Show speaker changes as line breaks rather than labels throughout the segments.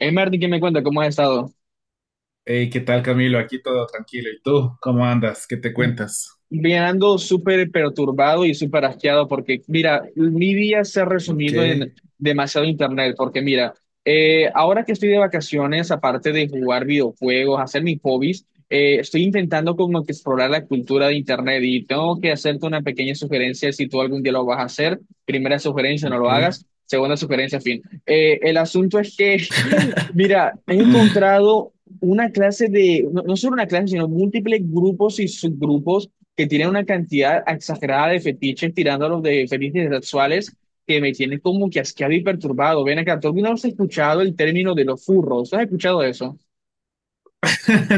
Hey, Martín, ¿qué me cuenta? ¿Cómo has estado?
Hey, ¿qué tal, Camilo? Aquí todo tranquilo. ¿Y tú? ¿Cómo andas? ¿Qué te cuentas?
Bien, ando súper perturbado y súper asqueado porque, mira, mi día se ha
Ok.
resumido en demasiado internet, porque mira, ahora que estoy de vacaciones, aparte de jugar videojuegos, hacer mis hobbies, estoy intentando como que explorar la cultura de internet y tengo que hacerte una pequeña sugerencia si tú algún día lo vas a hacer. Primera sugerencia, no
Ok.
lo hagas. Segunda sugerencia, fin. El asunto es que, mira, he encontrado una clase de, no, no solo una clase, sino múltiples grupos y subgrupos que tienen una cantidad exagerada de fetiches tirándolos de fetiches sexuales que me tienen como que asqueado y perturbado. Ven acá, ¿tú alguna vez has escuchado el término de los furros? ¿Has escuchado eso?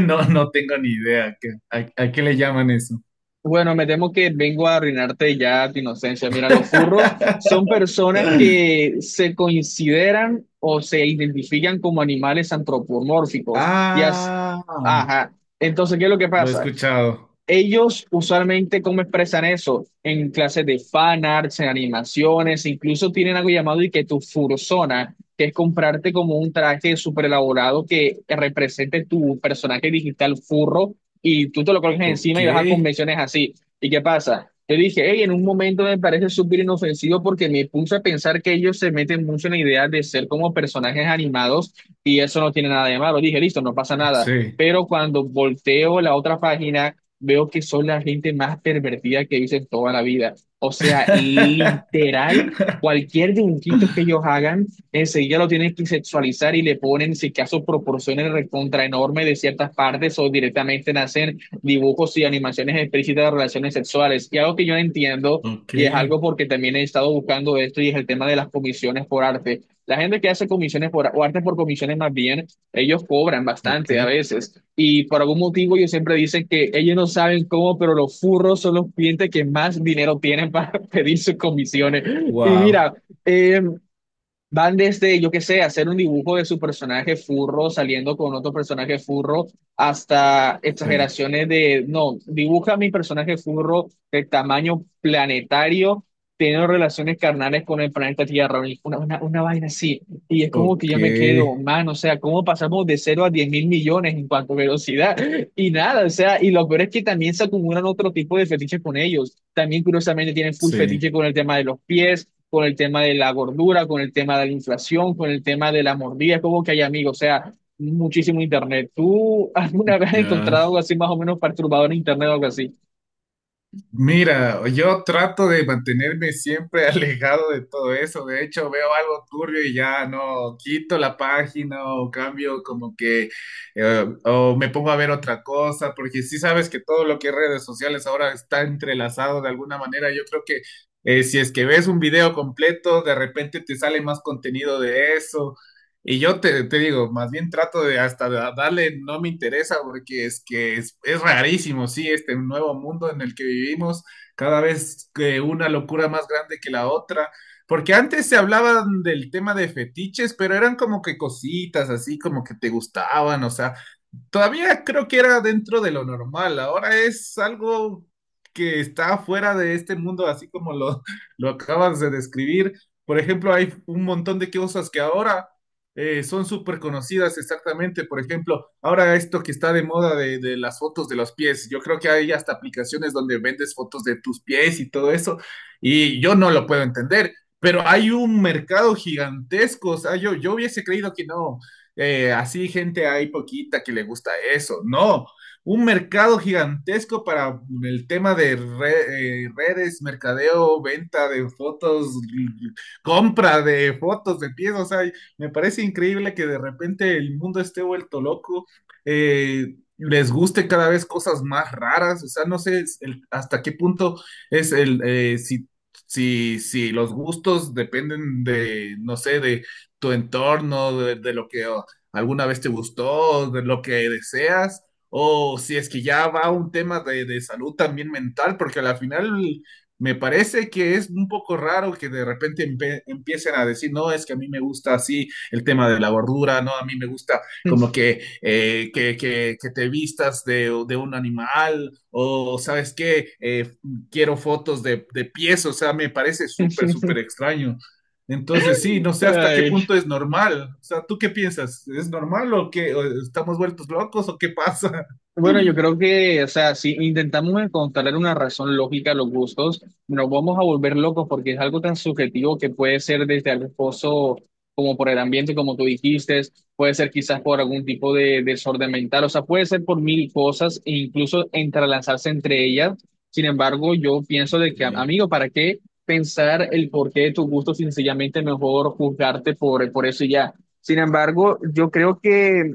No, no tengo ni idea. ¿A qué le llaman eso?
Bueno, me temo que vengo a arruinarte ya tu inocencia. Mira, los furros son personas que se consideran o se identifican como animales antropomórficos. Ya,
Ah,
ajá. Entonces, ¿qué es lo que
lo he
pasa?
escuchado.
Ellos usualmente, ¿cómo expresan eso? En clases de fan arts, en animaciones, incluso tienen algo llamado y que tu fursona, que es comprarte como un traje súper elaborado que represente tu personaje digital furro y tú te lo colocas
Ok.
encima y vas a convenciones así. ¿Y qué pasa? Yo dije, hey, en un momento me parece súper inofensivo porque me puse a pensar que ellos se meten mucho en la idea de ser como personajes animados y eso no tiene nada de malo. Dije, listo, no pasa nada.
Sí.
Pero cuando volteo la otra página veo que son la gente más pervertida que hice en toda la vida. O sea, literal, cualquier dibujito que ellos hagan, enseguida lo tienen que sexualizar y le ponen, si acaso, proporciones recontra enorme de ciertas partes o directamente hacen dibujos y animaciones explícitas de relaciones sexuales. Y algo que yo no entiendo,
Ok.
y es algo porque también he estado buscando esto, y es el tema de las comisiones por arte. La gente que hace comisiones por, o arte por comisiones más bien, ellos cobran
Ok.
bastante a veces y por algún motivo ellos siempre dicen que ellos no saben cómo, pero los furros son los clientes que más dinero tienen para pedir sus comisiones. Y mira,
Wow.
eh, van desde, yo qué sé, hacer un dibujo de su personaje furro saliendo con otro personaje furro, hasta
Sí.
exageraciones de, no, dibuja a mi personaje furro de tamaño planetario, teniendo relaciones carnales con el planeta Tierra, y una vaina así. Y es como que
Ok.
yo me quedo, man, o sea, ¿cómo pasamos de cero a 10.000.000.000 en cuanto a velocidad? Y nada, o sea, y lo peor es que también se acumulan otro tipo de fetiches con ellos. También curiosamente tienen full fetiche
Sí.
con el tema de los pies, con el tema de la gordura, con el tema de la inflación, con el tema de la mordida, es como que hay amigos, o sea, muchísimo internet. ¿Tú alguna vez has
Ya.
encontrado algo así más o menos perturbador en internet o algo así?
Mira, yo trato de mantenerme siempre alejado de todo eso. De hecho, veo algo turbio y ya no quito la página o cambio como que o me pongo a ver otra cosa, porque sí sabes que todo lo que es redes sociales ahora está entrelazado de alguna manera. Yo creo que si es que ves un video completo, de repente te sale más contenido de eso. Y yo te digo, más bien trato de hasta darle, no me interesa porque es que es rarísimo, sí, este nuevo mundo en el que vivimos, cada vez que una locura más grande que la otra, porque antes se hablaban del tema de fetiches, pero eran como que cositas así, como que te gustaban, o sea, todavía creo que era dentro de lo normal, ahora es algo que está fuera de este mundo, así como lo acabas de describir. Por ejemplo, hay un montón de cosas que ahora son súper conocidas exactamente. Por ejemplo, ahora esto que está de moda de las fotos de los pies. Yo creo que hay hasta aplicaciones donde vendes fotos de tus pies y todo eso. Y yo no lo puedo entender, pero hay un mercado gigantesco. O sea, yo hubiese creído que no así gente hay poquita que le gusta eso. No, un mercado gigantesco para el tema de redes, mercadeo, venta de fotos, compra de fotos de pies. O sea, me parece increíble que de repente el mundo esté vuelto loco. Les guste cada vez cosas más raras, o sea, no sé es hasta qué punto es si los gustos dependen de, no sé, de tu entorno, de lo que alguna vez te gustó, de lo que deseas, o si es que ya va un tema de salud también mental, porque al final me parece que es un poco raro que de repente empiecen a decir, no, es que a mí me gusta así el tema de la gordura, no, a mí me gusta como que, que te vistas de un animal o, ¿sabes qué? Quiero fotos de pies, o sea, me parece súper, súper extraño. Entonces, sí, no sé hasta qué
Ay.
punto es normal. O sea, ¿tú qué piensas? ¿Es normal o qué? ¿O estamos vueltos locos o qué pasa?
Bueno, yo creo que, o sea, si intentamos encontrar una razón lógica a los gustos, nos vamos a volver locos porque es algo tan subjetivo que puede ser desde algo esposo, como por el ambiente, como tú dijiste, puede ser quizás por algún tipo de desorden mental, o sea, puede ser por mil cosas e incluso entrelazarse entre ellas. Sin embargo, yo pienso de que,
Ok,
amigo, ¿para qué pensar el porqué de tus gustos? Sencillamente mejor juzgarte por, eso y ya. Sin embargo, yo creo que.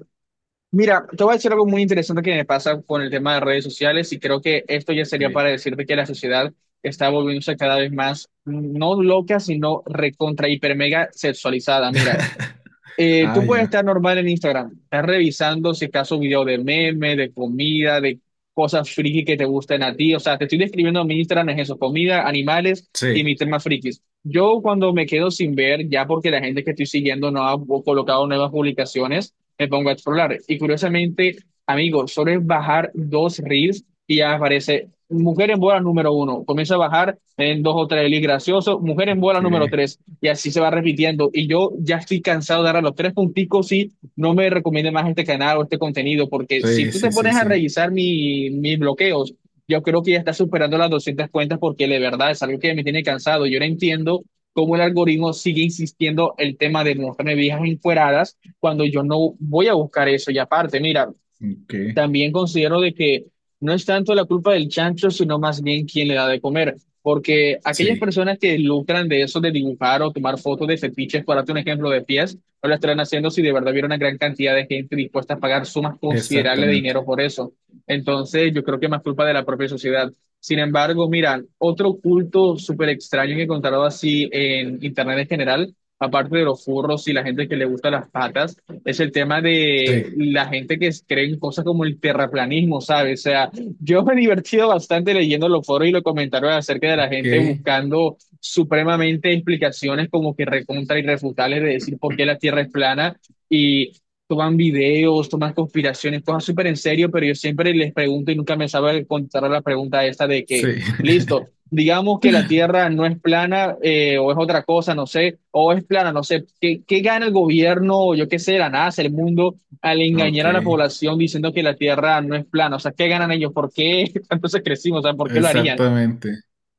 Mira, te voy a decir algo muy interesante que me pasa con el tema de redes sociales y creo que esto ya sería
sí.
para decirte que la sociedad está volviéndose cada vez más, no loca, sino recontra hiper mega sexualizada. Mira,
Ah,
tú puedes
ya.
estar normal en Instagram, estás revisando si acaso video de meme, de comida, de cosas friki que te gusten a ti. O sea, te estoy describiendo mi Instagram, es eso, comida, animales y
Sí.
mis temas frikis. Yo cuando me quedo sin ver, ya porque la gente que estoy siguiendo no ha colocado nuevas publicaciones, me pongo a explorar. Y curiosamente, amigos, solo es bajar dos reels y ya aparece mujer en bola número uno. Comienza a bajar en dos o tres reels graciosos, mujer en bola
Ok.
número tres y así se va repitiendo. Y yo ya estoy cansado de dar a los tres punticos y no me recomiende más este canal o este contenido, porque si
Sí,
tú te
sí, sí,
pones a
sí.
revisar mis bloqueos, yo creo que ya está superando las 200 cuentas porque de verdad es algo que me tiene cansado. Yo no entiendo cómo el algoritmo sigue insistiendo el tema de mostrarme viejas encueradas cuando yo no voy a buscar eso. Y aparte, mira,
Ok.
también considero de que no es tanto la culpa del chancho, sino más bien quién le da de comer. Porque aquellas
Sí.
personas que lucran de eso de dibujar o tomar fotos de fetiches, para darte un ejemplo de pies, no lo estarán haciendo si de verdad hubiera una gran cantidad de gente dispuesta a pagar sumas considerables de
Exactamente.
dinero por eso. Entonces, yo creo que es más culpa de la propia sociedad. Sin embargo, mira, otro culto súper extraño que he encontrado así en Internet en general, aparte de los furros y la gente que le gusta las patas es el tema de
Sí.
la gente que cree en cosas como el terraplanismo, ¿sabes? O sea, yo me he divertido bastante leyendo los foros y los comentarios acerca de la
Ok.
gente buscando supremamente explicaciones como que recontra irrefutables de decir por qué la Tierra es plana y toman videos, toman conspiraciones, cosas súper en serio, pero yo siempre les pregunto y nunca me sabe contestar la pregunta esta de que,
Sí.
listo, digamos que la Tierra no es plana o es otra cosa, no sé, o es plana, no sé, ¿qué, qué gana el gobierno, o yo qué sé, la NASA, el mundo, al
Ok.
engañar a la población diciendo que la Tierra no es plana? O sea, ¿qué ganan ellos? ¿Por qué entonces crecimos? O sea, ¿por qué lo harían?
Exactamente.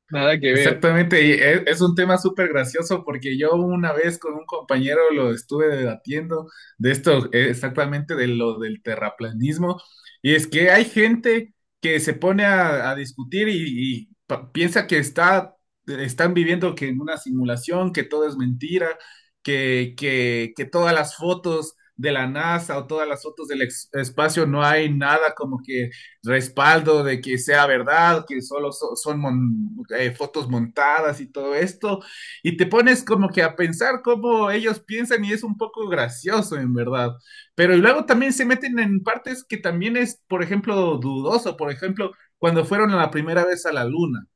Nada que ver.
Exactamente, y un tema súper gracioso porque yo una vez con un compañero lo estuve debatiendo de esto, exactamente de lo del terraplanismo, y es que hay gente que se pone a discutir y piensa que están viviendo que en una simulación, que todo es mentira, que todas las fotos de la NASA o todas las fotos del espacio no hay nada como que respaldo de que sea verdad, que solo son fotos montadas y todo esto, y te pones como que a pensar cómo ellos piensan y es un poco gracioso en verdad, pero y luego también se meten en partes que también es, por ejemplo, dudoso, por ejemplo, cuando fueron la primera vez a la luna.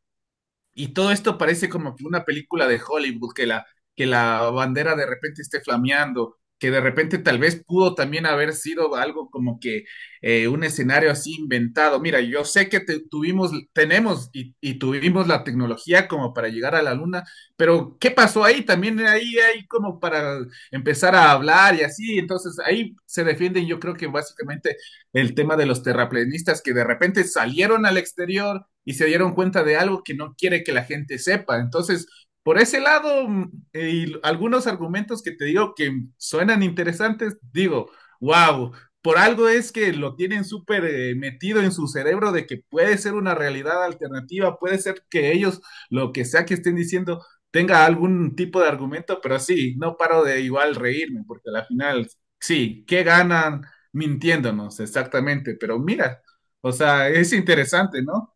Y todo esto parece como que una película de Hollywood, que la bandera de repente esté flameando, que de repente tal vez pudo también haber sido algo como que un escenario así inventado. Mira, yo sé que tuvimos, tenemos y tuvimos la tecnología como para llegar a la luna, pero ¿qué pasó ahí? También ahí hay como para empezar a hablar y así. Entonces ahí se defienden yo creo que básicamente el tema de los terraplenistas que de repente salieron al exterior y se dieron cuenta de algo que no quiere que la gente sepa. Entonces, por ese lado, y algunos argumentos que te digo que suenan interesantes, digo, wow, por algo es que lo tienen súper metido en su cerebro de que puede ser una realidad alternativa, puede ser que ellos, lo que sea que estén diciendo, tenga algún tipo de argumento, pero sí, no paro de igual reírme, porque al final, sí, ¿qué ganan mintiéndonos exactamente? Pero mira, o sea, es interesante, ¿no?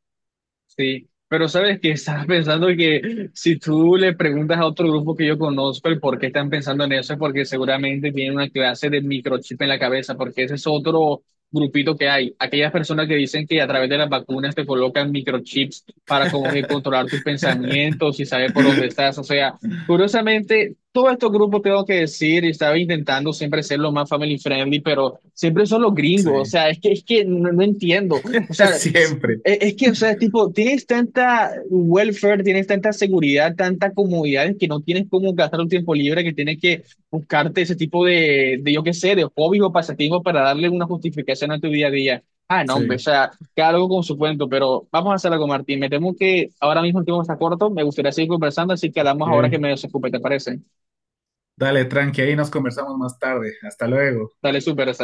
Sí, pero sabes que estaba pensando que si tú le preguntas a otro grupo que yo conozco el por qué están pensando en eso, es porque seguramente tienen una clase de microchip en la cabeza, porque ese es otro grupito que hay. Aquellas personas que dicen que a través de las vacunas te colocan microchips para como que controlar tus pensamientos y saber por dónde estás. O sea, curiosamente, todos estos grupos tengo que decir, y estaba intentando siempre ser lo más family friendly, pero siempre son los gringos. O
Sí,
sea, es que no no entiendo. O sea,
siempre.
es que, o sea, tipo, tienes tanta welfare, tienes tanta seguridad, tanta comodidad que no tienes cómo gastar un tiempo libre, que tienes que buscarte ese tipo de, yo qué sé, de hobby o pasatiempo para darle una justificación a tu día a día. Ah, no, hombre, o
Sí.
sea, cada algo con su cuento, pero vamos a hacer algo, Martín. Me temo que ahora mismo el tiempo está corto, me gustaría seguir conversando, así que hablamos ahora
Ok.
que me desocupe, ¿te parece?
Dale, tranqui, ahí nos conversamos más tarde. Hasta luego.
Dale, súper, hasta luego.